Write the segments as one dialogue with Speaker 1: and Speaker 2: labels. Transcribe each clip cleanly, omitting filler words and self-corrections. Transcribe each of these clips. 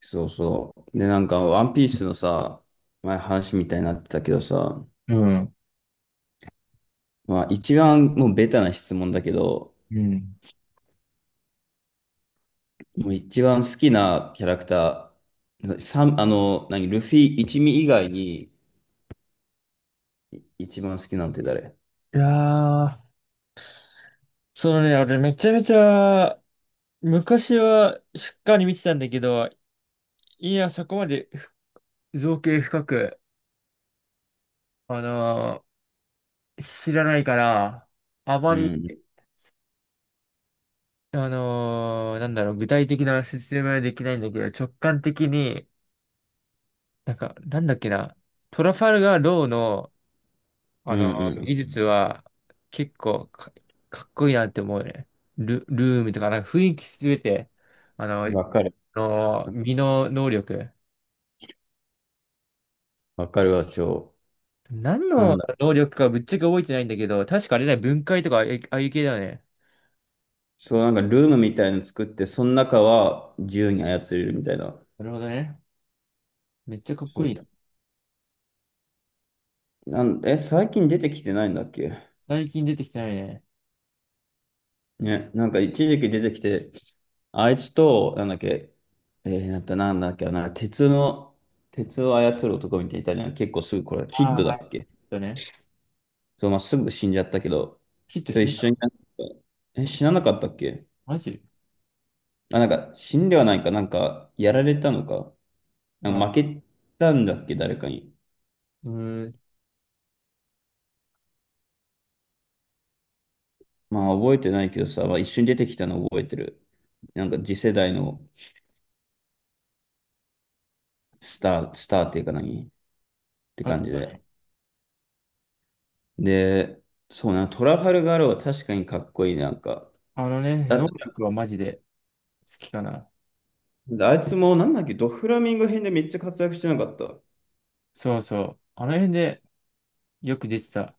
Speaker 1: そうそう。で、なんか、ワンピースの前話みたいになってたけど
Speaker 2: うん。
Speaker 1: 一番もうベタな質問だけど、
Speaker 2: うん。
Speaker 1: もう一番好きなキャラクター、サンあの、何、ルフィ一味以外に、一番好きなんて誰？
Speaker 2: いやー、そのね、俺めちゃめちゃ、昔はしっかり見てたんだけど、いや、そこまで造形深く、あの知らないから、あま
Speaker 1: う
Speaker 2: り、
Speaker 1: ん、
Speaker 2: 具体的な説明はできないんだけど、直感的に、なんか、なんだっけな、トラファルガー・ローの、
Speaker 1: う
Speaker 2: あの
Speaker 1: ん、
Speaker 2: 技術は、結構か、かっこいいなって思うね。ルームとか、なんか雰囲気すべて、あ
Speaker 1: うん。
Speaker 2: の、
Speaker 1: わかる。
Speaker 2: の身の能力。
Speaker 1: わかるわ、超。
Speaker 2: 何
Speaker 1: なん
Speaker 2: の
Speaker 1: だ。
Speaker 2: 能力かぶっちゃけ覚えてないんだけど、確かあれだよ、分解とかああいう系だよね。
Speaker 1: そう、なんかルームみたいの作って、その中は自由に操れるみたいな。
Speaker 2: なるほどね。めっちゃかっこ
Speaker 1: そ
Speaker 2: いいな。
Speaker 1: う。え、最近出てきてないんだっけ？
Speaker 2: 最近出てきてないね。
Speaker 1: ね、なんか一時期出てきて、あいつと、なんだっけ、なんだっけ、鉄を操る男みたいなの、結構すぐ、これ、キ
Speaker 2: あ
Speaker 1: ッ
Speaker 2: あ。
Speaker 1: ドだっけ？
Speaker 2: だね。
Speaker 1: そう、まあ、すぐ死んじゃったけど、
Speaker 2: ヒット
Speaker 1: と
Speaker 2: 死
Speaker 1: 一
Speaker 2: んだ
Speaker 1: 緒
Speaker 2: の？
Speaker 1: になんか、え、死ななかったっけ？
Speaker 2: マジ？
Speaker 1: あ、なんか、死んではないか、なんか、やられたのか、なん
Speaker 2: あ、
Speaker 1: か負けたんだっけ、誰かに。
Speaker 2: うーん。
Speaker 1: まあ、覚えてないけどさ、まあ、一緒に出てきたの覚えてる。なんか、次世代のスターっていうか何って
Speaker 2: あっ
Speaker 1: 感じ
Speaker 2: た
Speaker 1: で。
Speaker 2: ね。
Speaker 1: で、そうな、トラファルガールは確かにかっこいい、なんか。
Speaker 2: あのね、
Speaker 1: だっ
Speaker 2: 能
Speaker 1: て、
Speaker 2: 力はマジで好きかな。
Speaker 1: あいつもなんだっけ、ドフラミンゴ編でめっちゃ活躍してなかった？
Speaker 2: そうそう。あの辺でよく出てた。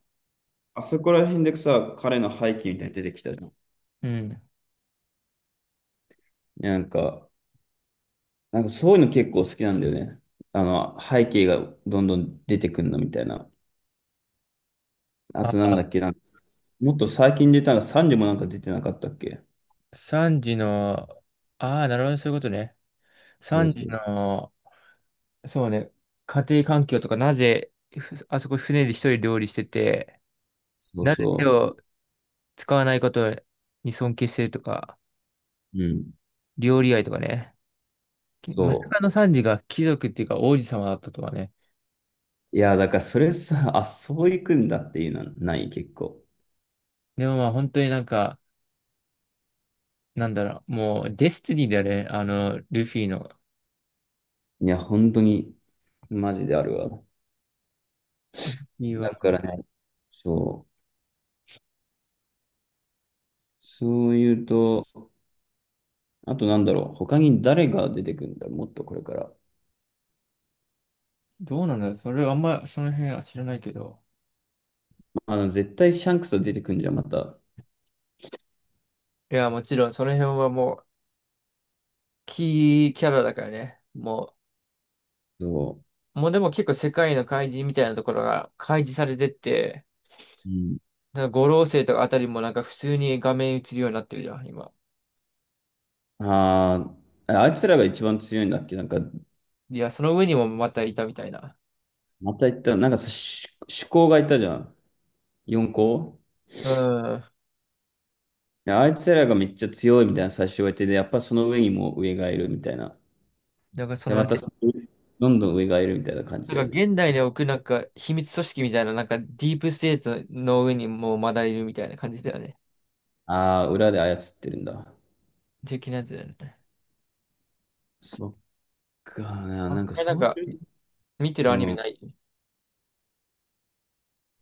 Speaker 1: あそこら辺でさ、彼の背景みたいに出てきたじゃん。
Speaker 2: うん。
Speaker 1: なんか、なんかそういうの結構好きなんだよね。あの、背景がどんどん出てくんのみたいな。あ
Speaker 2: あ、
Speaker 1: となんだっけ、なんか、もっと最近出たのがサンジもなんか出てなかったっけ？
Speaker 2: 3時の、ああ、なるほどね、そういうことね。
Speaker 1: そう
Speaker 2: 3時
Speaker 1: そう。
Speaker 2: の、そうね、家庭環境とか、なぜ、あそこ船で一人料理してて、
Speaker 1: そう
Speaker 2: なぜ手
Speaker 1: そ
Speaker 2: を使わないことに尊敬してるとか、
Speaker 1: う。うん。
Speaker 2: 料理愛とかね。まさ
Speaker 1: そ
Speaker 2: かのサンジが貴族っていうか王子様だったとはね。
Speaker 1: う。いや、だからそれさ、あ、そういくんだっていうのはない、結構。
Speaker 2: でもまあ本当になんか、なんだろう、もうデスティニーだよね、あの、ルフィの。
Speaker 1: いや、本当に。マジであるわ。
Speaker 2: いや、
Speaker 1: だからね、そう。そういうと、あとなんだろう、他に誰が出てくるんだろう、もっとこれから。
Speaker 2: どうなんだろう、それはあんまその辺は知らないけど。
Speaker 1: あの、絶対シャンクスは出てくるんじゃん、また。
Speaker 2: いや、もちろんその辺はもうキーキャラだからね。も
Speaker 1: そ
Speaker 2: う、もうでも結構世界の怪人みたいなところが開示されてって、
Speaker 1: う。うん。
Speaker 2: なんか五老星とかあたりもなんか普通に画面映るようになってるじゃん、今。
Speaker 1: あーあ、あいつらが一番強いんだっけ、なんか。
Speaker 2: いや、その上にもまたいたみたいな。
Speaker 1: また言った、なんかさ、し主攻がいたじゃん。四校。
Speaker 2: うん。
Speaker 1: いやあいつらがめっちゃ強いみたいな最初言われて、で、やっぱその上にも上がいるみたいな。
Speaker 2: なんかそ
Speaker 1: で、
Speaker 2: の
Speaker 1: また
Speaker 2: ね、
Speaker 1: そのどんどん上がいるみたいな感じ
Speaker 2: なん
Speaker 1: だ
Speaker 2: か
Speaker 1: よね。
Speaker 2: 現代に置くなんか秘密組織みたいな、なんかディープステートの上にもうまだいるみたいな感じだよね。
Speaker 1: ああ、裏で操ってるんだ。
Speaker 2: 的なやつだよね。
Speaker 1: そっかな、
Speaker 2: あ、
Speaker 1: な
Speaker 2: こ
Speaker 1: んか
Speaker 2: れな
Speaker 1: そ
Speaker 2: ん
Speaker 1: うす
Speaker 2: か
Speaker 1: ると、
Speaker 2: 見てる
Speaker 1: う
Speaker 2: アニメ
Speaker 1: ん、
Speaker 2: ない？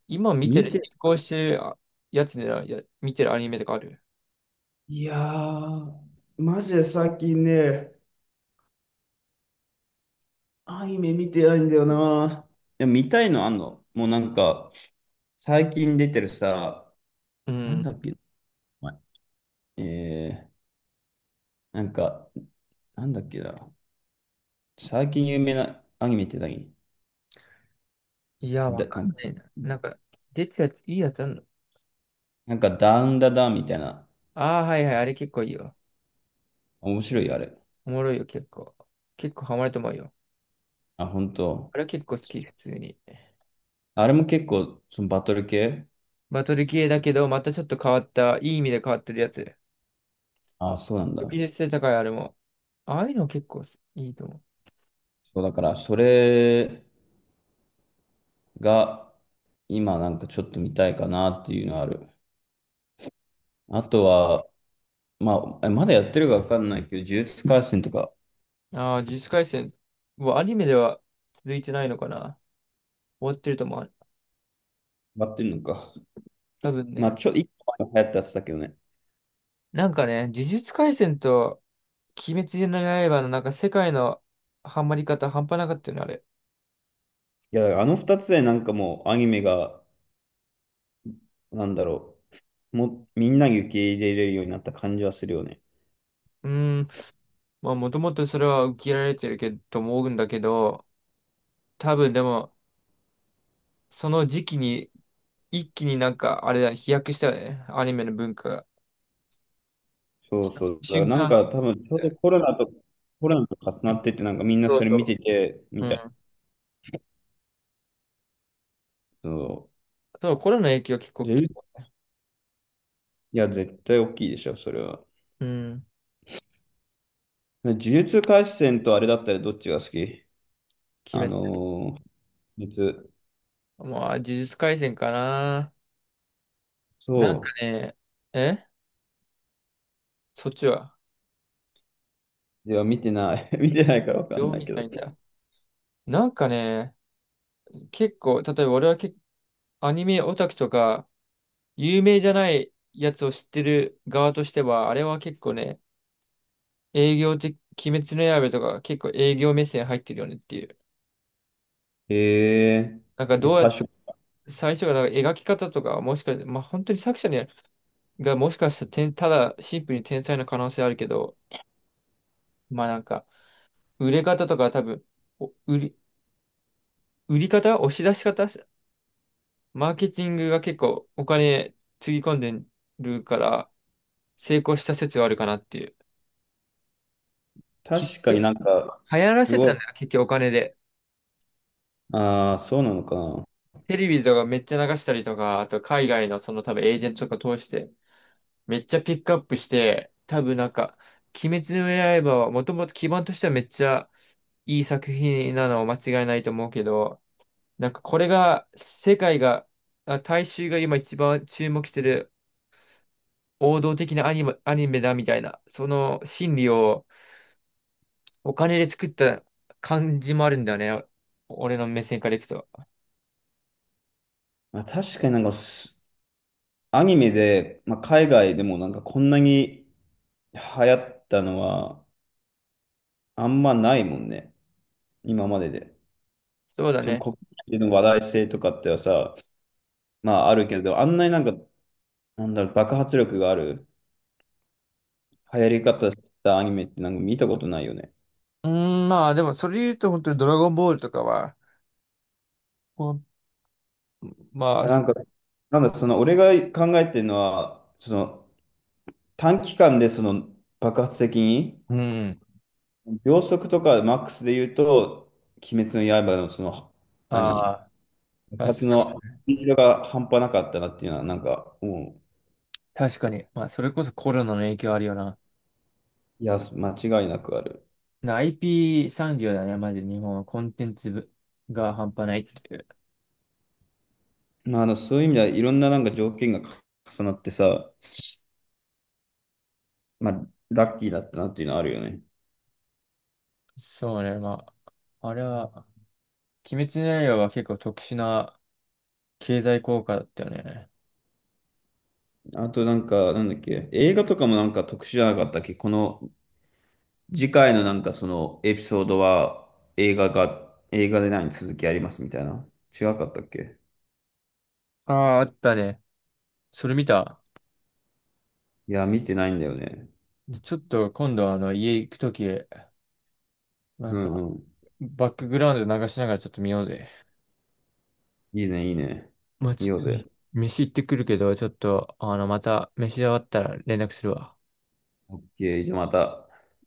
Speaker 2: 今見て
Speaker 1: 見
Speaker 2: る、
Speaker 1: て、
Speaker 2: 進行してるやつで見てるアニメとかある？
Speaker 1: いやー、マジで最近ね、アニメ見てないんだよな。いや見たいのあんのもうなんか、最近出てるさ、
Speaker 2: う
Speaker 1: なん
Speaker 2: ん。
Speaker 1: だっけ、前えー、なんか、なんだっけな、最近有名なアニメって何？
Speaker 2: いや、わ
Speaker 1: だ、
Speaker 2: か
Speaker 1: な
Speaker 2: ん
Speaker 1: んか、
Speaker 2: ないな。なんか、出てるやつ、いいやつあんの？
Speaker 1: なんかダウンダダンみたいな。
Speaker 2: ああー、はいはい、あれ結構いいよ。
Speaker 1: 面白いよあれ。
Speaker 2: おもろいよ、結構。結構ハマると思うよ。
Speaker 1: あ、本当？
Speaker 2: あれは結構好き、普通に。
Speaker 1: あれも結構、そのバトル系？
Speaker 2: バトル系だけど、またちょっと変わった、いい意味で変わってるやつ。
Speaker 1: あ、そうなんだ。
Speaker 2: 技術性高い、あれも。ああいうの結構いいと思
Speaker 1: そうだから、それが、今なんかちょっと見たいかなっていうのある。あとは、まあ、えまだやってるかわかんないけど、呪術廻戦とか、
Speaker 2: う。ああ、呪術廻戦。もうアニメでは続いてないのかな？終わってると思う。
Speaker 1: やってんのか。
Speaker 2: 多分
Speaker 1: まあ、
Speaker 2: ね。
Speaker 1: ちょ、一個前に流行ったやつだけどね。
Speaker 2: なんかね、呪術廻戦と鬼滅の刃のなんか世界のハマり方半端なかったよね、あれ。
Speaker 1: いや、あの二つでなんかもうアニメが、なんだろう、もうみんなに受け入れれるようになった感じはするよね。
Speaker 2: うーん。まあもともとそれは受け入れられてるけど、と思うんだけど、多分でも、その時期に、一気になんか、あれだ、飛躍したよね。アニメの文化が。
Speaker 1: そうそう。だから
Speaker 2: 瞬
Speaker 1: なん
Speaker 2: 間の、
Speaker 1: か多分ちょうどコロナと、コロナと重なってて、なんかみんな
Speaker 2: そ
Speaker 1: そ
Speaker 2: う
Speaker 1: れ見て
Speaker 2: そ
Speaker 1: て、
Speaker 2: う。
Speaker 1: み
Speaker 2: う
Speaker 1: たいな。
Speaker 2: ん。
Speaker 1: そ
Speaker 2: そうコロナの影響は結
Speaker 1: う。
Speaker 2: 構。
Speaker 1: でいや、絶対大きいでしょ、それは。
Speaker 2: うん、
Speaker 1: 呪術廻戦とあれだったらどっちが好き？
Speaker 2: 決
Speaker 1: あ
Speaker 2: め、
Speaker 1: のー、呪術。
Speaker 2: もう、あ呪術廻戦かな。なん
Speaker 1: そ
Speaker 2: かね、えそっちは
Speaker 1: う。いや、見てない。見てないからわかん
Speaker 2: どう
Speaker 1: ない
Speaker 2: 見
Speaker 1: け
Speaker 2: たい
Speaker 1: ど。
Speaker 2: んだ。なんかね、結構、例えば俺は結構アニメオタクとか、有名じゃないやつを知ってる側としては、あれは結構ね、営業的、鬼滅の刃とか結構営業目線入ってるよねっていう。
Speaker 1: へえ。
Speaker 2: なんか
Speaker 1: え
Speaker 2: どうや
Speaker 1: 最
Speaker 2: っ
Speaker 1: 初、
Speaker 2: 最初がなんか描き方とか、もしか、まあ本当に作者にがもしかしたらただシンプルに天才の可能性あるけど、まあなんか、売れ方とか多分、お売り、売り方、押し出し方、マーケティングが結構お金つぎ込んでるから、成功した説はあるかなっていう。結
Speaker 1: 確かに
Speaker 2: 局、
Speaker 1: なんか、
Speaker 2: 流行ら
Speaker 1: す
Speaker 2: せ
Speaker 1: ご
Speaker 2: たん
Speaker 1: い。
Speaker 2: だよ、結局お金で。
Speaker 1: ああ、そうなのかな。
Speaker 2: テレビとかめっちゃ流したりとか、あと海外のその多分エージェントとか通して、めっちゃピックアップして、多分なんか、鬼滅の刃はもともと基盤としてはめっちゃいい作品なの間違いないと思うけど、なんかこれが世界が、あ大衆が今一番注目してる王道的なアニメ、アニメだみたいな、その心理をお金で作った感じもあるんだよね。俺の目線からいくと。
Speaker 1: まあ、確かになんかすごいああそうなのかまあ確かになんかす、アニメで、まあ、海外でもなんかこんなに流行ったのはあんまないもんね。今までで。
Speaker 2: そうだ
Speaker 1: その
Speaker 2: ね。
Speaker 1: 国内での話題性とかってはさ、まああるけど、あんなになんか、なんだろう、爆発力がある流行り方したアニメってなんか見たことないよね。
Speaker 2: うーん、まあでもそれで言うと本当にドラゴンボールとかは、ほんまあ、
Speaker 1: なんか、なんだ、その俺が考えてるのは、その短期間でその爆発的に、
Speaker 2: うん、
Speaker 1: 秒速とかマックスで言うと、鬼滅の刃のその、
Speaker 2: あ
Speaker 1: 何、
Speaker 2: あ、
Speaker 1: 爆発
Speaker 2: 確か
Speaker 1: のスピードが半端なかったなっていうのは、なんか、も
Speaker 2: 確かに。まあ、それこそコロナの影響あるよな。
Speaker 1: う、いや、間違いなくある。
Speaker 2: な IP 産業だね、まず日本はコンテンツ部が半端ないっていう。
Speaker 1: まあ、あの、そういう意味ではいろんななんか条件が重なってさ、まあ、ラッキーだったなっていうのはあるよね。
Speaker 2: そうね、まあ、あれは、鬼滅の刃は結構特殊な経済効果だったよね。
Speaker 1: あとなんか、なんだっけ、映画とかもなんか特殊じゃなかったっけ、この次回のなんかそのエピソードは映画で何続きありますみたいな。違かったっけ？
Speaker 2: ああ、あったね。それ見た。
Speaker 1: いや、見てないんだよね。
Speaker 2: でちょっと今度あの家行くとき、なん
Speaker 1: うん
Speaker 2: か
Speaker 1: うん。
Speaker 2: バックグラウンド流しながらちょっと見ようぜ。
Speaker 1: いいね、いいね。
Speaker 2: まあち
Speaker 1: 見
Speaker 2: ょ
Speaker 1: よう
Speaker 2: っと
Speaker 1: ぜ。
Speaker 2: ね、飯行ってくるけど、ちょっとあのまた飯終わったら連絡するわ。
Speaker 1: オッケー、じゃあまた。